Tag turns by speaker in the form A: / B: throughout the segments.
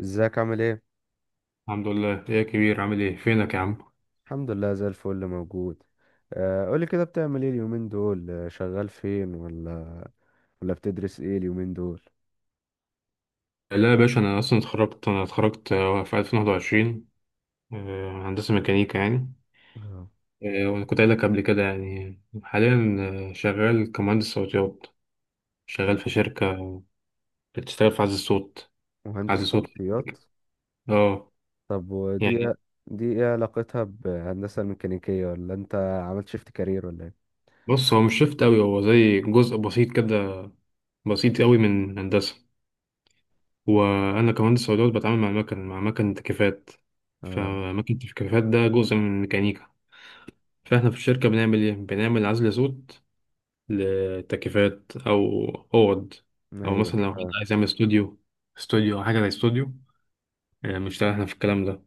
A: ازيك عامل ايه؟
B: الحمد لله، ايه يا كبير؟ عامل ايه؟ فينك يا عم؟
A: الحمد لله زي الفل موجود. قولي كده بتعمل ايه اليومين دول؟ شغال فين ولا ولا بتدرس ايه اليومين دول؟
B: لا يا باشا، انا اصلا اتخرجت في 2021. هندسه ميكانيكا يعني.
A: آه،
B: وانا كنت قايل لك قبل كده، يعني حاليا شغال كمهندس صوتيات. شغال في شركه بتشتغل في عزل الصوت.
A: مهندس
B: عزل صوت.
A: صوتيات؟
B: اه.
A: طب ودي
B: يعني
A: دي ايه علاقتها بهندسة الميكانيكية، ولا انت عملت شيفت كارير ولا ايه؟
B: بص، هو مش شفت قوي، هو زي جزء بسيط كده، بسيط قوي من هندسه. وانا كمهندس صوتيات بتعامل مع المكن، مع مكن تكييفات.
A: اه.
B: فمكن التكييفات ده جزء من الميكانيكا. فاحنا في الشركة بنعمل ايه؟ بنعمل عزل صوت لتكييفات، او اوض، او
A: ايوه،
B: مثلا لو حد عايز يعمل استوديو، استوديو او حاجة زي استوديو. بنشتغل احنا في الكلام ده،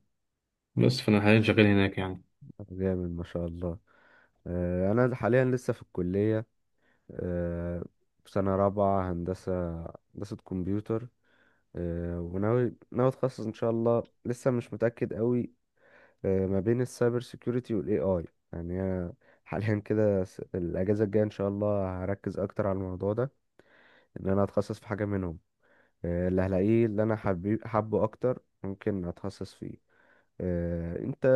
B: بس فانا حاليا شغال هناك يعني.
A: جامد ما شاء الله. انا حاليا لسه في الكلية، آه، في سنة رابعة هندسة، هندسة كمبيوتر. وناوي اتخصص ان شاء الله، لسه مش متأكد قوي، ما بين السايبر سيكيورتي والاي اي. يعني أنا حاليا كده الاجازه الجايه ان شاء الله هركز اكتر على الموضوع ده، ان انا اتخصص في حاجه منهم، اللي هلاقيه اللي انا حابه اكتر ممكن اتخصص فيه. انت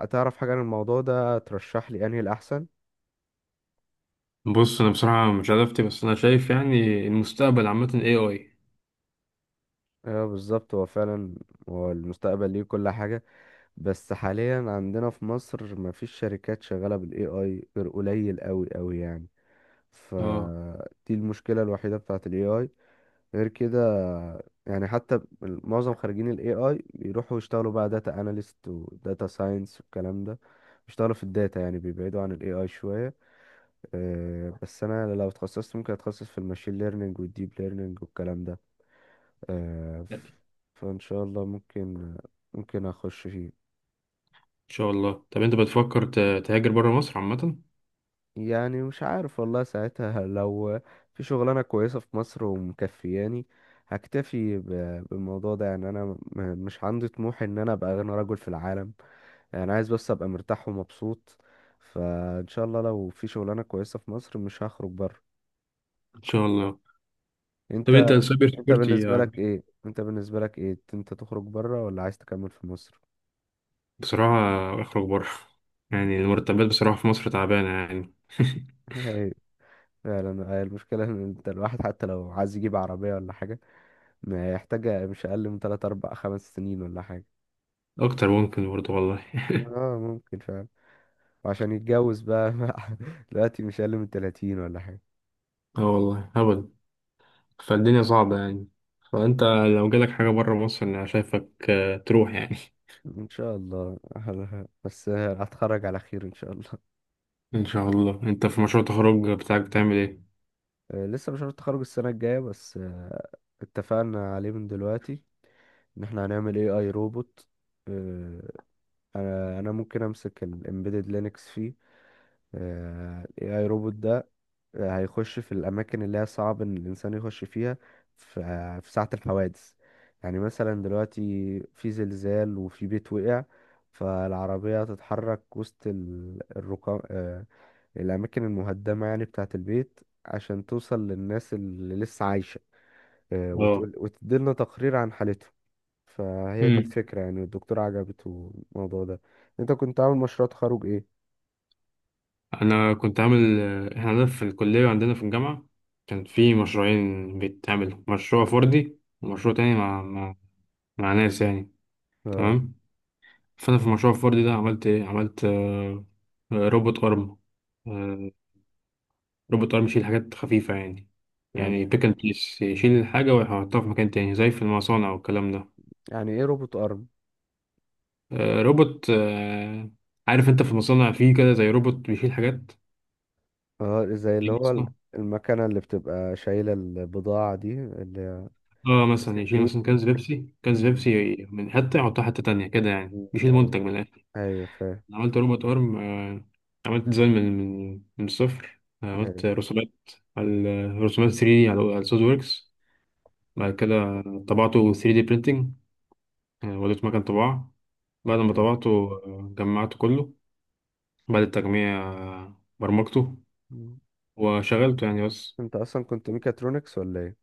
A: هتعرف حاجه عن الموضوع ده ترشح لي انهي الاحسن؟
B: بص انا بصراحة مش عرفت، بس انا شايف يعني المستقبل عامة اي اي.
A: اه بالظبط، هو فعلا هو المستقبل ليه كل حاجه. بس حاليا عندنا في مصر مفيش شركات شغاله بالاي اي غير قليل قوي قوي يعني.
B: اه.
A: فدي المشكلة الوحيدة بتاعة ال AI. غير كده يعني حتى معظم خريجين ال AI بيروحوا يشتغلوا بقى داتا analyst و data science والكلام ده. بيشتغلوا في الداتا يعني بيبعدوا عن ال AI شوية. بس أنا لو اتخصصت ممكن أتخصص في الماشين ليرنينج والديب ليرنينج والكلام ده. آه،
B: لا، ان
A: ف- فإن شاء الله ممكن أخش فيه.
B: شاء الله طب انت بتفكر تهاجر بره مصر عامة؟
A: يعني مش عارف والله، ساعتها لو في شغلانة كويسة في مصر ومكفياني هكتفي بالموضوع ده يعني، مش عندي طموح ان انا ابقى اغنى رجل في العالم، يعني عايز بس ابقى مرتاح ومبسوط. فان شاء الله لو في شغلانة كويسة في مصر مش هخرج بره.
B: ان شاء الله. طب
A: انت
B: انت السايبر
A: انت
B: سيكيورتي
A: بالنسبة لك
B: عجبك؟
A: ايه انت بالنسبة لك ايه، انت تخرج بره ولا عايز تكمل في مصر؟
B: بصراحة اخرج بره. يعني المرتبات بصراحة في مصر تعبانة يعني.
A: هي فعلا هي المشكلة ان انت الواحد حتى لو عايز يجيب عربية ولا حاجة، محتاجة مش أقل من تلات أربع خمس سنين ولا حاجة.
B: اكتر ممكن برضه والله.
A: اه ممكن فعلا. وعشان يتجوز بقى دلوقتي مش أقل من تلاتين ولا حاجة.
B: اه والله هبل. فالدنيا صعبة يعني. فانت لو جالك حاجة بره مصر انا شايفك تروح يعني.
A: إن شاء الله. بس هتخرج على خير إن شاء الله.
B: ان شاء الله. انت في مشروع التخرج بتاعك بتعمل ايه؟
A: لسه مش عارف، التخرج السنة الجاية بس اتفقنا عليه من دلوقتي، إن احنا هنعمل اي اي روبوت. آه، أنا ممكن أمسك الامبيدد لينكس فيه. الاي اي روبوت ده هيخش في الأماكن اللي هي صعب إن الإنسان يخش فيها. ف- في ساعة الحوادث يعني، مثلا دلوقتي في زلزال وفي بيت وقع، فالعربية هتتحرك وسط الركام، الأماكن المهدمة يعني بتاعة البيت، عشان توصل للناس اللي لسه عايشة،
B: اه.
A: وتقول وتديلنا تقرير عن حالتهم. فهي دي
B: امم
A: الفكرة يعني، الدكتور عجبته الموضوع ده. انت كنت عامل مشروع تخرج ايه؟
B: انا كنت عامل احنا عندنا في الكلية وعندنا في الجامعة كان في مشروعين بيتعملوا، مشروع فردي ومشروع تاني مع مع ناس يعني.
A: اه.
B: تمام. فانا في المشروع الفردي ده عملت ايه؟ عملت روبوت ارم. روبوت ارم يشيل حاجات خفيفة، يعني
A: يعني
B: يعني بيك اند بليس، يشيل الحاجة ويحطها في مكان تاني زي في المصانع والكلام ده.
A: يعني ايه روبوت ارم؟
B: روبوت. عارف انت في المصانع فيه كده زي روبوت بيشيل حاجات،
A: اه زي اللي
B: يعني
A: هو
B: مثلا-
A: المكنة اللي بتبقى شايلة البضاعة دي اللي هي
B: اه مثلا يشيل
A: بسنين
B: مثلا
A: دي.
B: كنز بيبسي، كنز
A: مم.
B: بيبسي من حتة يحطها حتة تانية كده، يعني
A: مم.
B: يشيل
A: ايوه،
B: منتج من الآخر.
A: ايوه فاهم.
B: أنا عملت روبوت ارم. عملت ديزاين من الصفر.
A: ايوه.
B: عملت رسومات على رسومات 3D على سوليد ووركس.
A: مم.
B: بعد كده طبعته 3D printing. وديته مكان طباعة. بعد ما
A: أيوة.
B: طبعته جمعته كله. بعد التجميع برمجته
A: مم.
B: وشغلته يعني بس.
A: انت اصلا كنت ميكاترونكس ولا ايه؟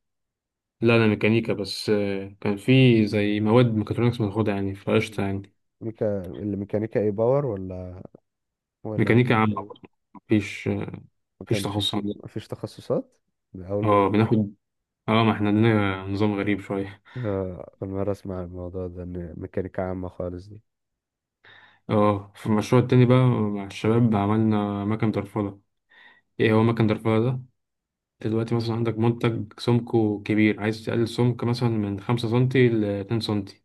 B: لا أنا ميكانيكا بس. كان في زي مواد ميكاترونكس بناخدها يعني، فقشطة
A: مم.
B: يعني.
A: ميكا اللي ميكانيكا ايه باور ولا ولا
B: ميكانيكا
A: ميكانيكا
B: عامة. مم.
A: ايه؟
B: مفيش.
A: ما
B: مفيش
A: كانش
B: تخصص
A: في،
B: عندنا.
A: مفيش تخصصات؟ ده أول
B: اه
A: مرة.
B: بناخد. اه ما احنا عندنا نظام غريب شوية.
A: أول مرة أسمع الموضوع ده إن ميكانيكا عامة خالص دي.
B: اه في المشروع التاني بقى مع الشباب عملنا مكن درفلة. ايه هو مكن درفلة ده؟ دلوقتي مثلا عندك منتج سمكه كبير، عايز تقلل سمك مثلا من 5 سم لـ 2 سم.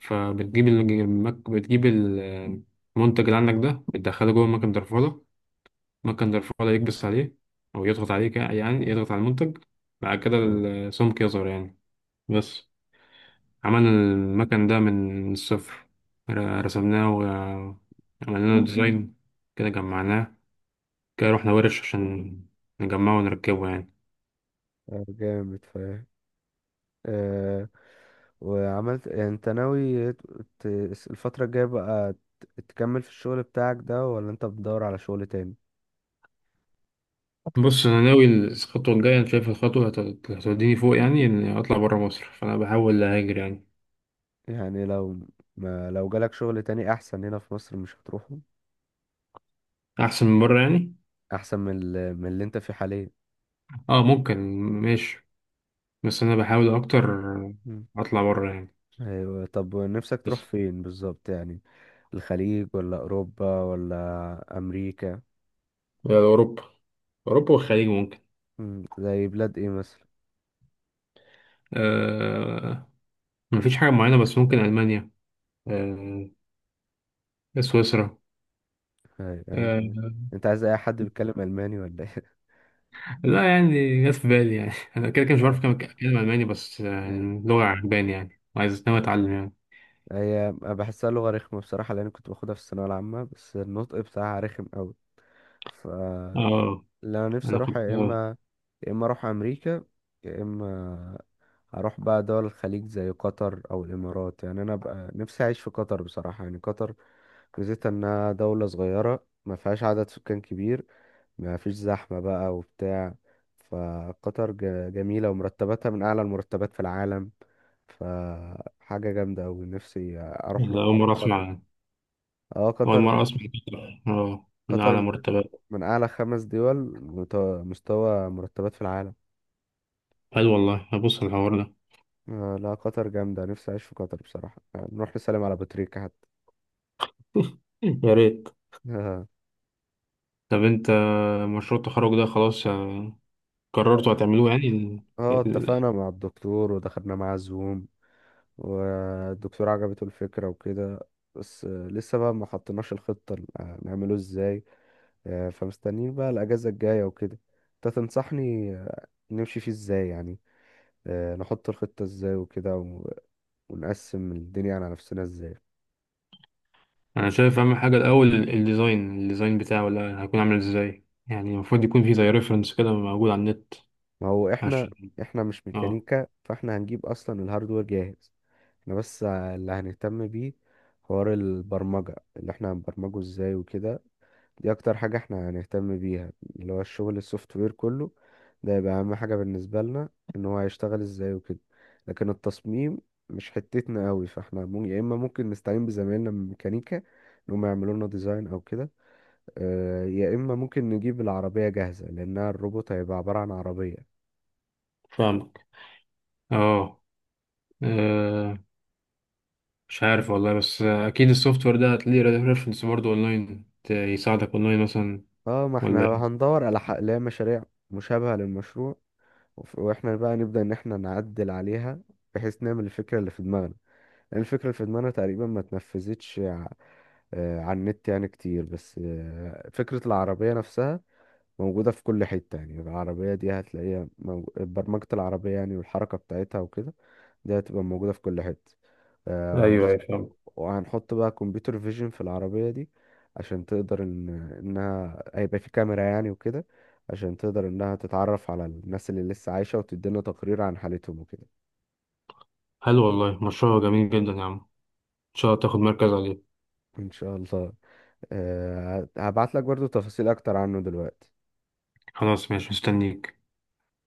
B: بتجيب المنتج اللي عندك ده، بتدخله جوه مكن درفولة. مكن درفولة يكبس عليه أو يضغط عليه، يعني يضغط على المنتج. بعد كده السمك يظهر يعني. بس عملنا المكن ده من الصفر. رسمناه وعملنا له ديزاين، كده جمعناه، كده رحنا ورش عشان نجمعه ونركبه يعني.
A: جامد فاهم. آه، وعملت يعني انت ناوي ت- الفترة الجاية بقى تكمل في الشغل بتاعك ده ولا انت بتدور على شغل تاني؟
B: بص أنا ناوي الخطوة الجاية. أنا شايف الخطوة هتوديني فوق، يعني إني أطلع برا مصر، فأنا بحاول أهاجر يعني.
A: يعني لو ما لو جالك شغل تاني احسن هنا في مصر مش هتروحه؟
B: أحسن من برا يعني.
A: احسن من من اللي انت فيه حاليا.
B: اه ممكن ماشي، بس انا بحاول اكتر
A: مم.
B: اطلع بره يعني.
A: ايوه، طب نفسك تروح
B: بس
A: فين بالظبط يعني، الخليج ولا اوروبا ولا امريكا؟
B: اوروبا. اوروبا والخليج ممكن.
A: زي بلاد ايه مثلا؟
B: آه. مفيش حاجه معينه، بس ممكن المانيا، آه، سويسرا.
A: أيوة، يعني انت
B: آه،
A: عايز اي حد بيتكلم الماني ولا ايه؟
B: لا يعني، جت في بالي يعني. انا كده كده مش بعرف أتكلم أتكلم الماني، بس اللغه عجباني يعني وعايز، ناوي
A: أيوة.
B: اتعلم يعني.
A: هي بحسها لغة رخمة بصراحة لأن كنت باخدها في الثانوية العامة، بس النطق بتاعها رخم أوي. ف
B: اه.
A: اللي أنا نفسي
B: انا
A: أروحها
B: كنت
A: يا إما يا إما أروح أمريكا، يا إما أروح بقى دول الخليج زي قطر أو الإمارات. يعني أنا بقى نفسي أعيش في قطر بصراحة، يعني قطر ميزتها إنها دولة صغيرة، ما فيهاش عدد سكان كبير، ما فيش زحمة بقى وبتاع. فقطر جميلة ومرتباتها من أعلى المرتبات في العالم، فحاجة جامدة أوي، نفسي أروح
B: أنا اول
A: أروح
B: مره
A: قطر.
B: اسمع يعني.
A: اه
B: اول
A: قطر.
B: مره اسمع كده. اه من
A: قطر
B: اعلى
A: من
B: مرتبات.
A: من اعلى خمس دول، مت- مستوى مرتبات في العالم.
B: حلو والله، هبص على الحوار ده.
A: آه لا قطر جامدة، نفسي اعيش في قطر بصراحة، آه نروح نسلم على بطريقة حتى.
B: يا ريت.
A: اه.
B: طب انت، مشروع التخرج ده خلاص قررتوا هتعملوه؟ يعني ال...
A: اتفقنا مع الدكتور ودخلنا معاه زوم، والدكتور عجبته الفكرة وكده. بس لسه بقى ما حطيناش الخطة نعمله ازاي. فمستنيين بقى الأجازة الجاية وكده. انت تنصحني نمشي فيه ازاي يعني، نحط الخطة ازاي وكده ونقسم الدنيا على نفسنا ازاي؟
B: انا شايف اهم حاجه الاول الديزاين بتاعه، ولا هيكون عامل ازاي؟ يعني المفروض يكون في زي ريفرنس كده موجود على النت
A: ما هو احنا
B: عشان.
A: مش
B: اه
A: ميكانيكا، فاحنا هنجيب اصلا الهاردوير جاهز. احنا بس اللي هنهتم بيه حوار البرمجة، اللي احنا هنبرمجه ازاي وكده. دي اكتر حاجة احنا هنهتم بيها، اللي هو الشغل السوفت وير كله. ده يبقى اهم حاجة بالنسبة لنا، ان هو هيشتغل ازاي وكده. لكن التصميم مش حتتنا قوي، فاحنا يا اما ممكن نستعين بزمايلنا من ميكانيكا ان هم يعملوا لنا ديزاين او كده، يا اما ممكن نجيب العربية جاهزة لانها الروبوت هيبقى عبارة عن عربية.
B: فاهمك. اه. آه، مش عارف والله، بس اكيد السوفت وير ده هتلاقيه ريفرنس برضه اونلاين، يساعدك اونلاين مثلا.
A: اه ما
B: ولا
A: احنا
B: ايه؟
A: هندور على حق اللي هي مشاريع مشابهة للمشروع، واحنا بقى نبدأ ان احنا نعدل عليها بحيث نعمل الفكرة اللي في دماغنا، لان الفكرة اللي في دماغنا تقريبا ما اتنفذتش على النت يعني كتير. بس فكرة العربية نفسها موجودة في كل حتة. يعني العربية دي هتلاقيها برمجة العربية يعني والحركة بتاعتها وكده، دي هتبقى موجودة في كل حتة. آه
B: ايوه
A: وهنش-
B: ايوه فاهم.
A: وهنحط بقى كمبيوتر فيجن في العربية دي عشان تقدر ان انها هيبقى في كاميرا يعني وكده، عشان تقدر انها تتعرف على الناس اللي لسه عايشة وتدينا تقرير عن حالتهم وكده.
B: حلو والله مشروع جميل جدا يا عم. ان شاء الله تاخد مركز عليه.
A: ان شاء الله. أه هبعت لك برضو تفاصيل اكتر عنه دلوقتي.
B: خلاص ماشي مستنيك.